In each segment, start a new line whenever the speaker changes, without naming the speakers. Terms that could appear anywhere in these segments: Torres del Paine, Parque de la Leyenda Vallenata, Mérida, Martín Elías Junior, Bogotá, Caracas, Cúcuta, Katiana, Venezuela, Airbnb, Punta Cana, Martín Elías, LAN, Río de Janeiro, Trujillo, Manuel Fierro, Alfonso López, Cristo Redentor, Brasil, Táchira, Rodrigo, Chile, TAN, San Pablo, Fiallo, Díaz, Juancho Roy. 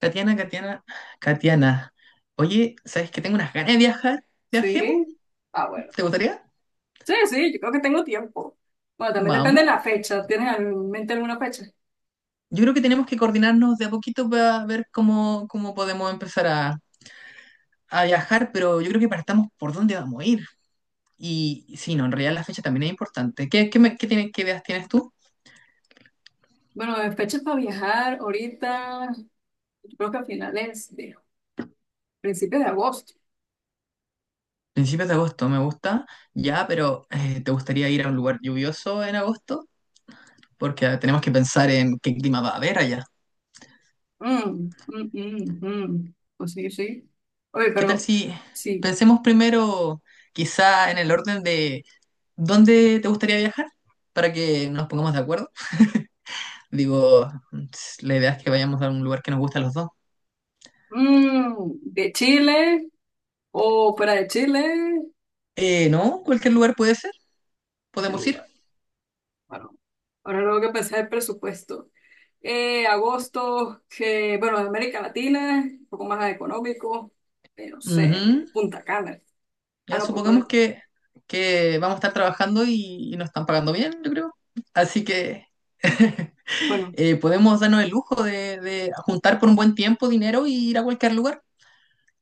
Katiana, Katiana, Katiana. Oye, ¿sabes que tengo unas ganas de viajar? ¿Viajemos?
Sí. Ah, bueno.
¿Te gustaría?
Sí, sí, yo creo que tengo tiempo. Bueno, también depende de
Vamos.
la fecha. ¿Tienes en mente alguna fecha?
Yo creo que tenemos que coordinarnos de a poquito para ver cómo podemos empezar a viajar, pero yo creo que partamos por dónde vamos a ir. Y sí, no, en realidad la fecha también es importante. ¿Qué ideas tienes tú?
Bueno, en fechas para viajar ahorita, yo creo que a finales de principios de agosto.
Principios de agosto, me gusta. Ya, pero ¿te gustaría ir a un lugar lluvioso en agosto? Porque tenemos que pensar en qué clima va a haber allá.
Mm, mm, mm, mm. Pues sí, sí. Oye,
¿Qué tal
pero
si
sí.
pensemos primero quizá en el orden de dónde te gustaría viajar para que nos pongamos de acuerdo? Digo, la idea es que vayamos a un lugar que nos guste a los dos.
Mm, de Chile o fuera de Chile,
No, cualquier lugar puede ser,
¿a qué
podemos ir.
lugar? Bueno, ahora tengo que pensar el presupuesto. Agosto, que, bueno, de América Latina, un poco más económico, no
Ujú.
sé, Punta Cana. Ah,
Ya
no, pues
supongamos
poner,
que vamos a estar trabajando y, nos están pagando bien, yo creo. Así que
bueno,
podemos darnos el lujo de juntar por un buen tiempo dinero y ir a cualquier lugar.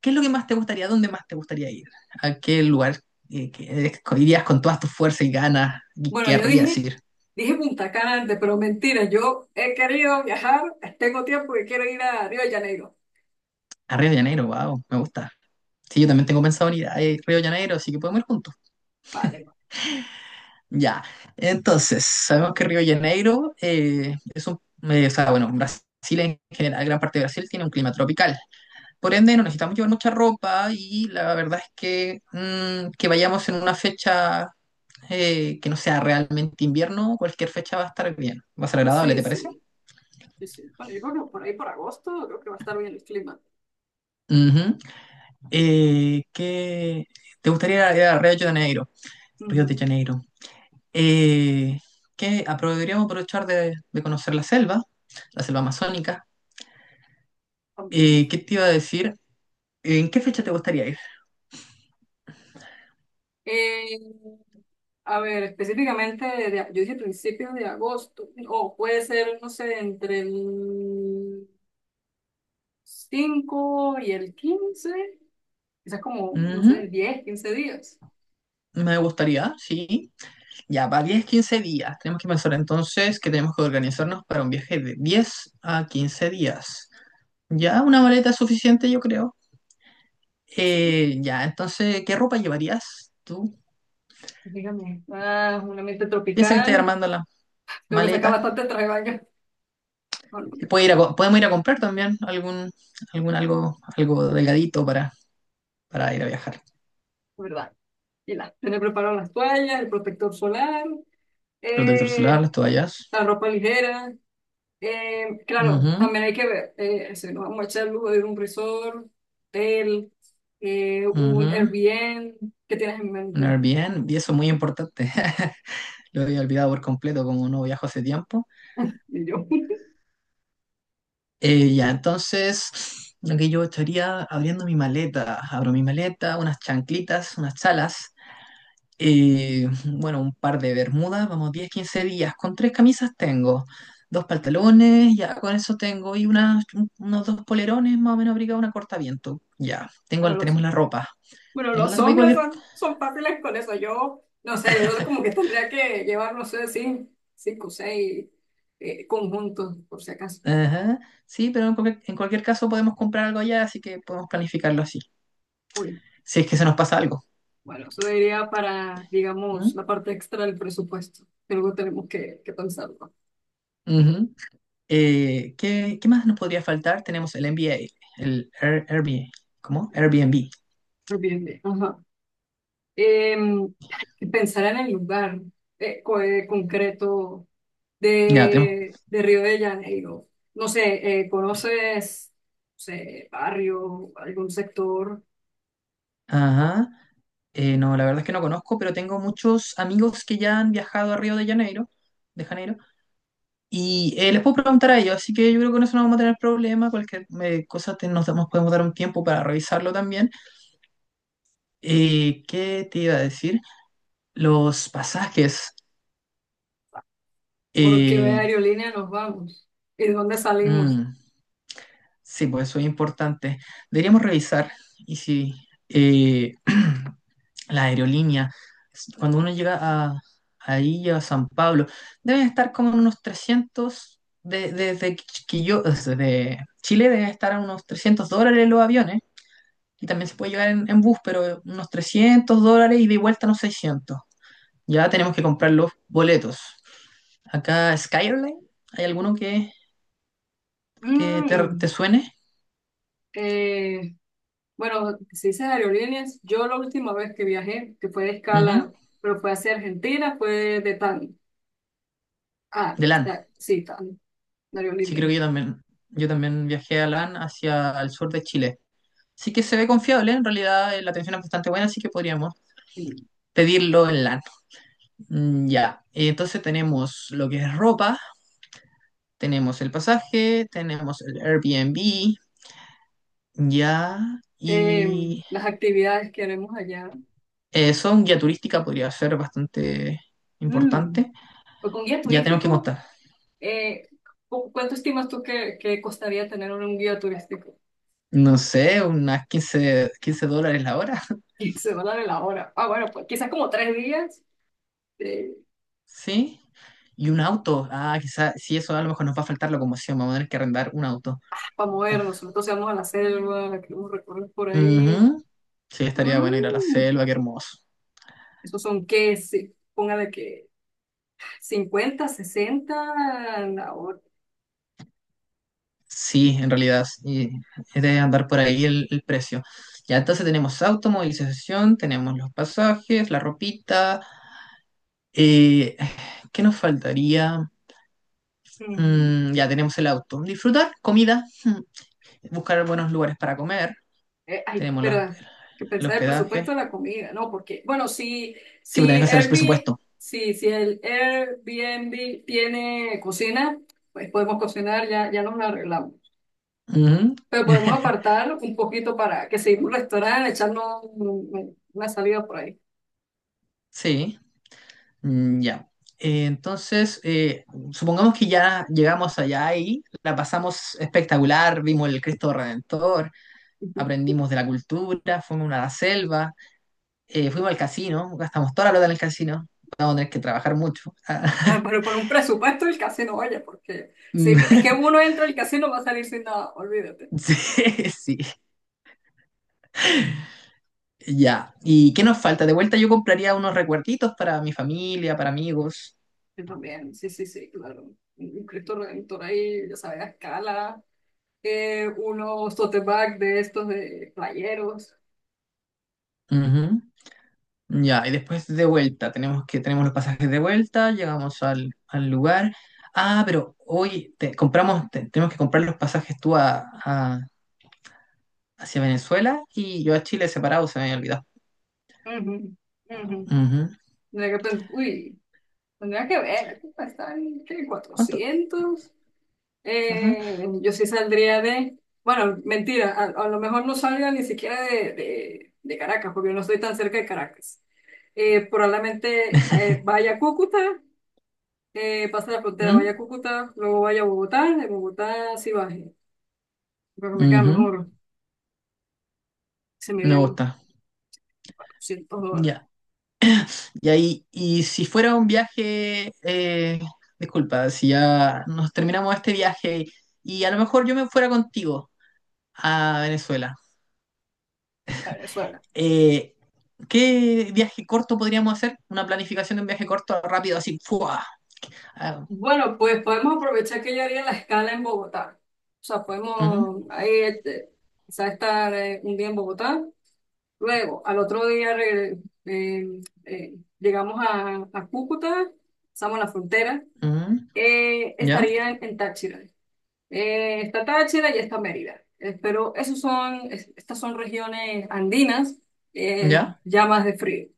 ¿Qué es lo que más te gustaría? ¿Dónde más te gustaría ir? ¿A qué lugar que irías con todas tus fuerzas y ganas y
bueno,
querrías ir?
dije Punta Cana antes, pero mentira, yo he querido viajar, tengo tiempo que quiero ir a Río de Janeiro.
A Río de Janeiro, wow, me gusta. Sí, yo también tengo pensado en ir a Río de Janeiro, así que podemos ir juntos.
Vale, vale.
Ya, entonces, sabemos que Río de Janeiro o sea, bueno, Brasil en general, gran parte de Brasil tiene un clima tropical. Por ende, no necesitamos llevar mucha ropa y la verdad es que que vayamos en una fecha que no sea realmente invierno, cualquier fecha va a estar bien, va a ser agradable,
Sí,
¿te parece?
sí, sí, sí. Bueno, yo creo que por ahí por agosto creo que va a estar bien el clima.
Ujú. Eh, ¿qué- ¿Te gustaría ir a Río de Janeiro? Río
Ujú.
de Janeiro. Eh, ¿Podríamos aprovechar de conocer la selva amazónica?
También.
¿Qué te iba a decir? ¿En qué fecha te gustaría ir?
Eh, a ver, específicamente, yo dije principios de agosto, o puede ser, no sé, entre el 5 y el 15, quizás como, no
Ujú.
sé, 10 15 días.
Me gustaría, sí. Ya, para 10 15 días. Tenemos que pensar entonces que tenemos que organizarnos para un viaje de 10 a 15 días. Ya, una maleta es suficiente, yo creo.
Pues sí,
Ya, entonces, ¿qué ropa llevarías tú?
dígame. Ah, un ambiente
Piensa que estás
tropical,
armando la
lo que saca
maleta.
bastante traje de baño. No, lo voy
Y
a
puede ir a
probar,
co- Podemos ir a comprar también algo delgadito para ir a viajar.
¿verdad? Y la, tener preparado las toallas, el protector solar,
Protector solar,
eh,
las toallas.
la ropa ligera. Claro,
Ujú,
también hay que ver, si nos vamos a echar el lujo de ir a un resort, hotel, un
ujú.
Airbnb, ¿qué tienes en
Un
mente?
Airbnb, y eso es muy importante. Lo había olvidado por completo, como no viajo hace tiempo.
Y yo.
Ya, entonces, lo que yo estaría abriendo mi maleta, abro mi maleta, unas chanclitas, unas chalas, bueno, un par de bermudas, vamos, 10 15 días, con tres camisas tengo, dos pantalones, ya con eso tengo, y unos dos polerones más o menos abrigados, una cortaviento, ya,
bueno,
tengo,
los Bueno,
tenemos la
los
ropa igual
hombres
que...
son fáciles con eso. Yo, no sé, yo como que tendría que llevar, no sé, cinco o seis conjuntos, por si acaso.
Ajá, sí, pero en cualquier caso podemos comprar algo allá, así que podemos planificarlo así,
Uy,
si es que se nos pasa algo.
bueno, eso diría para, digamos,
¿Mm?
la parte extra del presupuesto, que luego tenemos que pensarlo.
Ujú. ¿Qué más nos podría faltar? Tenemos el MBA, el Airbnb. ¿Cómo? Airbnb.
Pero bien, bien, ajá. Em, pensar en el lugar concreto
Ya, tenemos.
de Río de Janeiro. No sé, ¿conoces, no sé, barrio, algún sector?
Ajá. No, la verdad es que no conozco, pero tengo muchos amigos que ya han viajado a Río de Janeiro, y les puedo preguntar a ellos, así que yo creo que en eso no vamos a tener problema, cualquier cosa podemos dar un tiempo para revisarlo también. ¿Qué te iba a decir? Los pasajes.
¿Por qué
eh,
aerolínea nos vamos? ¿Y de dónde salimos?
mm, Sí, pues eso es importante. Deberíamos revisar y si eh, la aerolínea, cuando uno llega ahí a San Pablo, deben estar como en unos 300 desde Chile deben estar a unos $300 los aviones y también se puede llegar en bus, pero unos $300 y de vuelta unos 600. Ya tenemos que comprar los boletos. Acá Skyline, ¿hay alguno que te,
Mm,
te suene?
eh, bueno, si dices aerolíneas, yo la última vez que viajé, que fue de
Ujú.
escala, pero fue hacia Argentina, fue de TAN. Ah,
De LAN.
está, sí, TAN, de
Sí,
aerolínea.
creo que yo también. Yo también viajé a LAN hacia el sur de Chile. Sí que se ve confiable, en realidad la atención es bastante buena, así que podríamos
Mm.
pedirlo en LAN. Mm, ya, y entonces tenemos lo que es ropa, tenemos el pasaje, tenemos el Airbnb, ya,
Eh,
y
las actividades que haremos allá.
eso, un guía turística podría ser bastante
Mm,
importante.
pues con guía
Ya tenemos que
turístico,
contar,
eh, ¿cuánto estimas tú que costaría tener un guía turístico?
no sé, unas quince dólares la hora.
Se va a dar la hora. Ah, bueno, pues quizás como 3 días. eh,
Sí. Y un auto. Ah, quizás, sí, eso a lo mejor nos va a faltar locomoción. Vamos a tener que arrendar un auto.
para
Ah,
movernos. Nosotros íbamos a la selva, la queremos recorrer por ahí.
ujú. Sí, estaría bueno ir a la
Mm,
selva, qué hermoso.
Esos son qué, sí, póngale que 50, 60, la hora.
Sí, en realidad, y es de andar por ahí el precio. Ya entonces tenemos auto, movilización, tenemos los pasajes, la ropita. eh, ¿Qué nos faltaría?
Mm,
Mm, ya tenemos el auto. Disfrutar, comida, buscar buenos lugares para comer.
Ay,
Tenemos los,
verdad, que
el
pensar el presupuesto
hospedaje.
de la comida, ¿no? Porque, bueno, si,
Sí, pues tenés que
si
hacer el
Airbnb,
presupuesto.
si el Airbnb tiene cocina, pues podemos cocinar, ya, ya nos la arreglamos.
Ujú.
Pero podemos apartar un poquito para que seguimos un restaurante, echarnos una salida por ahí.
Sí, mm, ya. Entonces, supongamos que ya llegamos allá y la pasamos espectacular, vimos el Cristo Redentor, aprendimos de la cultura, fuimos a la selva, fuimos al casino, gastamos toda la plata en el casino, vamos a tener que trabajar mucho.
Claro, pero con un presupuesto el casino, oye, porque si
Mm,
es que uno entra al casino va a salir sin nada, olvídate.
sí, sí, ya. ¿Y qué nos falta? De vuelta yo compraría unos recuerditos para mi familia, para amigos.
Yo también, sí, sí, sí, claro. Un Cristo Redentor ahí, ya sabes, a escala, unos tote bag de estos de playeros.
Ya, y después de vuelta, tenemos los pasajes de vuelta, llegamos al lugar. Ah, pero hoy tenemos que comprar los pasajes tú hacia Venezuela y yo a Chile separado, se me había olvidado.
Ujú, ujú.
Ujú.
Uy, tendría que ver, aquí está en ¿qué?
¿Cuánto?
400.
Ajá.
Yo sí saldría de, bueno, mentira, a lo mejor no salga ni siquiera de Caracas, porque no estoy tan cerca de Caracas. Probablemente vaya a Cúcuta, pase la frontera, vaya
¿Mm?
a Cúcuta, luego vaya a Bogotá, de Bogotá sí baje, creo que me queda
Ujú.
mejor, se me
Me
irían
gusta.
$400.
Ya. Y ahí, y si fuera un viaje, disculpa, si ya nos terminamos este viaje y a lo mejor yo me fuera contigo a Venezuela.
Venezuela.
Eh, ¿Qué viaje corto podríamos hacer? Una planificación de un viaje corto rápido, así. ¡Fua! Ah,
Bueno, pues podemos aprovechar que yo haría la escala en Bogotá, o sea,
ujú,
podemos ahí, este, quizá estar un día en Bogotá. Luego, al otro día llegamos a Cúcuta, pasamos la frontera,
ujú, ¿ya?
estaría en Táchira. Está Táchira y está Mérida. Pero esos son, estas son regiones andinas,
¿Ya?
ya más de frío.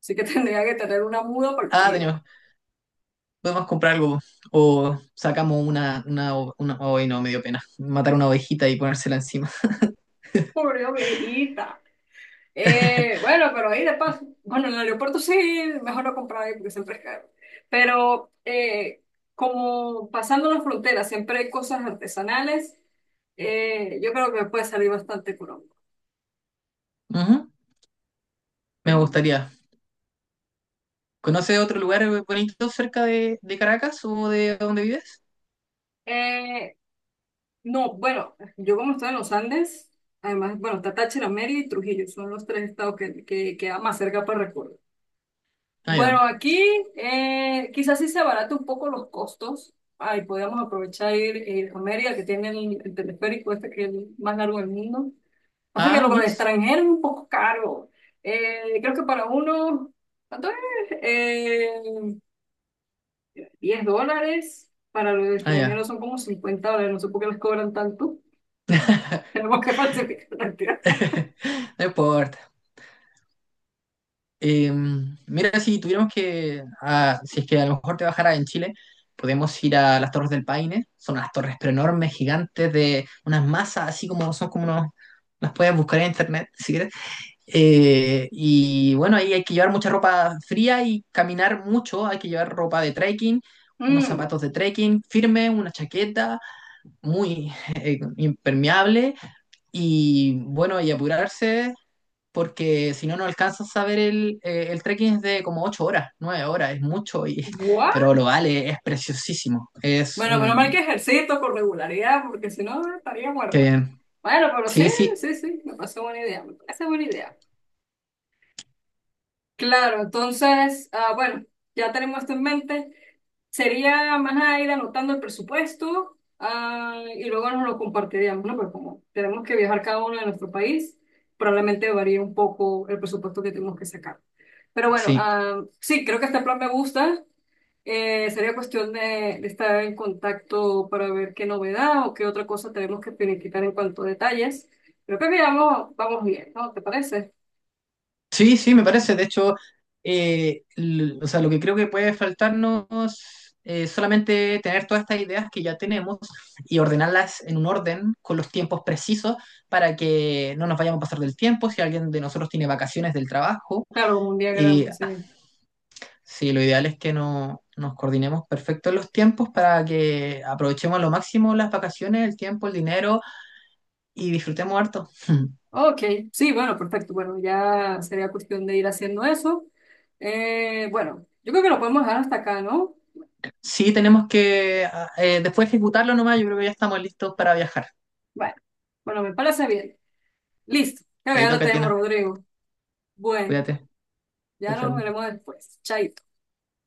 Así que tendría que tener una muda para el
Ah,
frío.
tenemos, podemos comprar algo. O sacamos una, ay, no, me dio pena. Matar una ovejita y ponérsela encima.
Pobre ovejita. Bueno, pero ahí de paso. Bueno, en el aeropuerto sí, mejor no comprar ahí porque siempre es caro. Pero como pasando las fronteras, siempre hay cosas artesanales. Yo creo que me puede salir bastante económico.
Ujú, me
Mm.
gustaría. ¿Conoce otro lugar bonito cerca de Caracas o de donde vives?
Eh, no, bueno, yo como estoy en los Andes, además, bueno, está Táchira, Mérida y Trujillo, son los tres estados que queda más cerca para recorrer.
Ah,
Bueno,
ya.
aquí quizás sí se abarata un poco los costos. Ahí podríamos aprovechar ir a Mérida, que tiene el teleférico este que es el más largo del mundo. O sea que lo
Ah,
del
Mitch.
extranjero es un poco caro. Creo que para uno, ¿cuánto es? Eh, $10. Para los
Ah,
extranjeros
ya.
son como $50. No sé por qué les cobran tanto. Tenemos que falsificar la cantidad.
No importa. Mira, si tuviéramos que, si es que a lo mejor te bajara en Chile, podemos ir a las Torres del Paine. Son unas torres pero enormes, gigantes, de unas masas, así como son como unos, las puedes buscar en internet si quieres. Y bueno, ahí hay que llevar mucha ropa fría y caminar mucho. Hay que llevar ropa de trekking, unos
Mm,
zapatos de trekking firme, una chaqueta muy impermeable y bueno, y apurarse porque si no, no alcanzas a ver el trekking es de como 8 horas, 9 horas, es mucho, y, pero lo vale, es preciosísimo. Es
Bueno, menos mal
un...
que ejercito con regularidad, porque si no estaría
Qué
muerta.
bien.
Bueno, pero sí,
Sí, sí,
sí, sí, me parece buena idea, me parece buena idea. Claro, entonces, ah, bueno, ya tenemos esto en mente. Sería más nada ir anotando el presupuesto, y luego nos lo compartiríamos, ¿no? Pero como tenemos que viajar cada uno de nuestro país, probablemente varíe un poco el presupuesto que tenemos que sacar. Pero bueno,
sí.
sí, creo que este plan me gusta. Sería cuestión de estar en contacto para ver qué novedad o qué otra cosa tenemos que finiquitar en cuanto a detalles. Creo que miramos, vamos bien, ¿no? ¿Te parece?
Sí, sí, me parece. De hecho, o sea, lo que creo que puede faltarnos es solamente tener todas estas ideas que ya tenemos y ordenarlas en un orden con los tiempos precisos para que no nos vayamos a pasar del tiempo. Si alguien de nosotros tiene vacaciones del trabajo,
Claro, como un diagrama,
y
sí.
sí, lo ideal es que no, nos coordinemos perfecto en los tiempos para que aprovechemos a lo máximo las vacaciones, el tiempo, el dinero y disfrutemos harto.
Ok, sí, bueno, perfecto. Bueno, ya sería cuestión de ir haciendo eso. Bueno, yo creo que lo podemos dejar hasta acá, ¿no?
Sí, tenemos que después ejecutarlo nomás. Yo creo que ya estamos listos para viajar.
Bueno, bueno, me parece bien. Listo. Creo que ya
Chaito,
lo tenemos,
Katiana.
Rodrigo. Bueno,
Cuídate. Chao,
ya nos
chao.
veremos después. Chaito.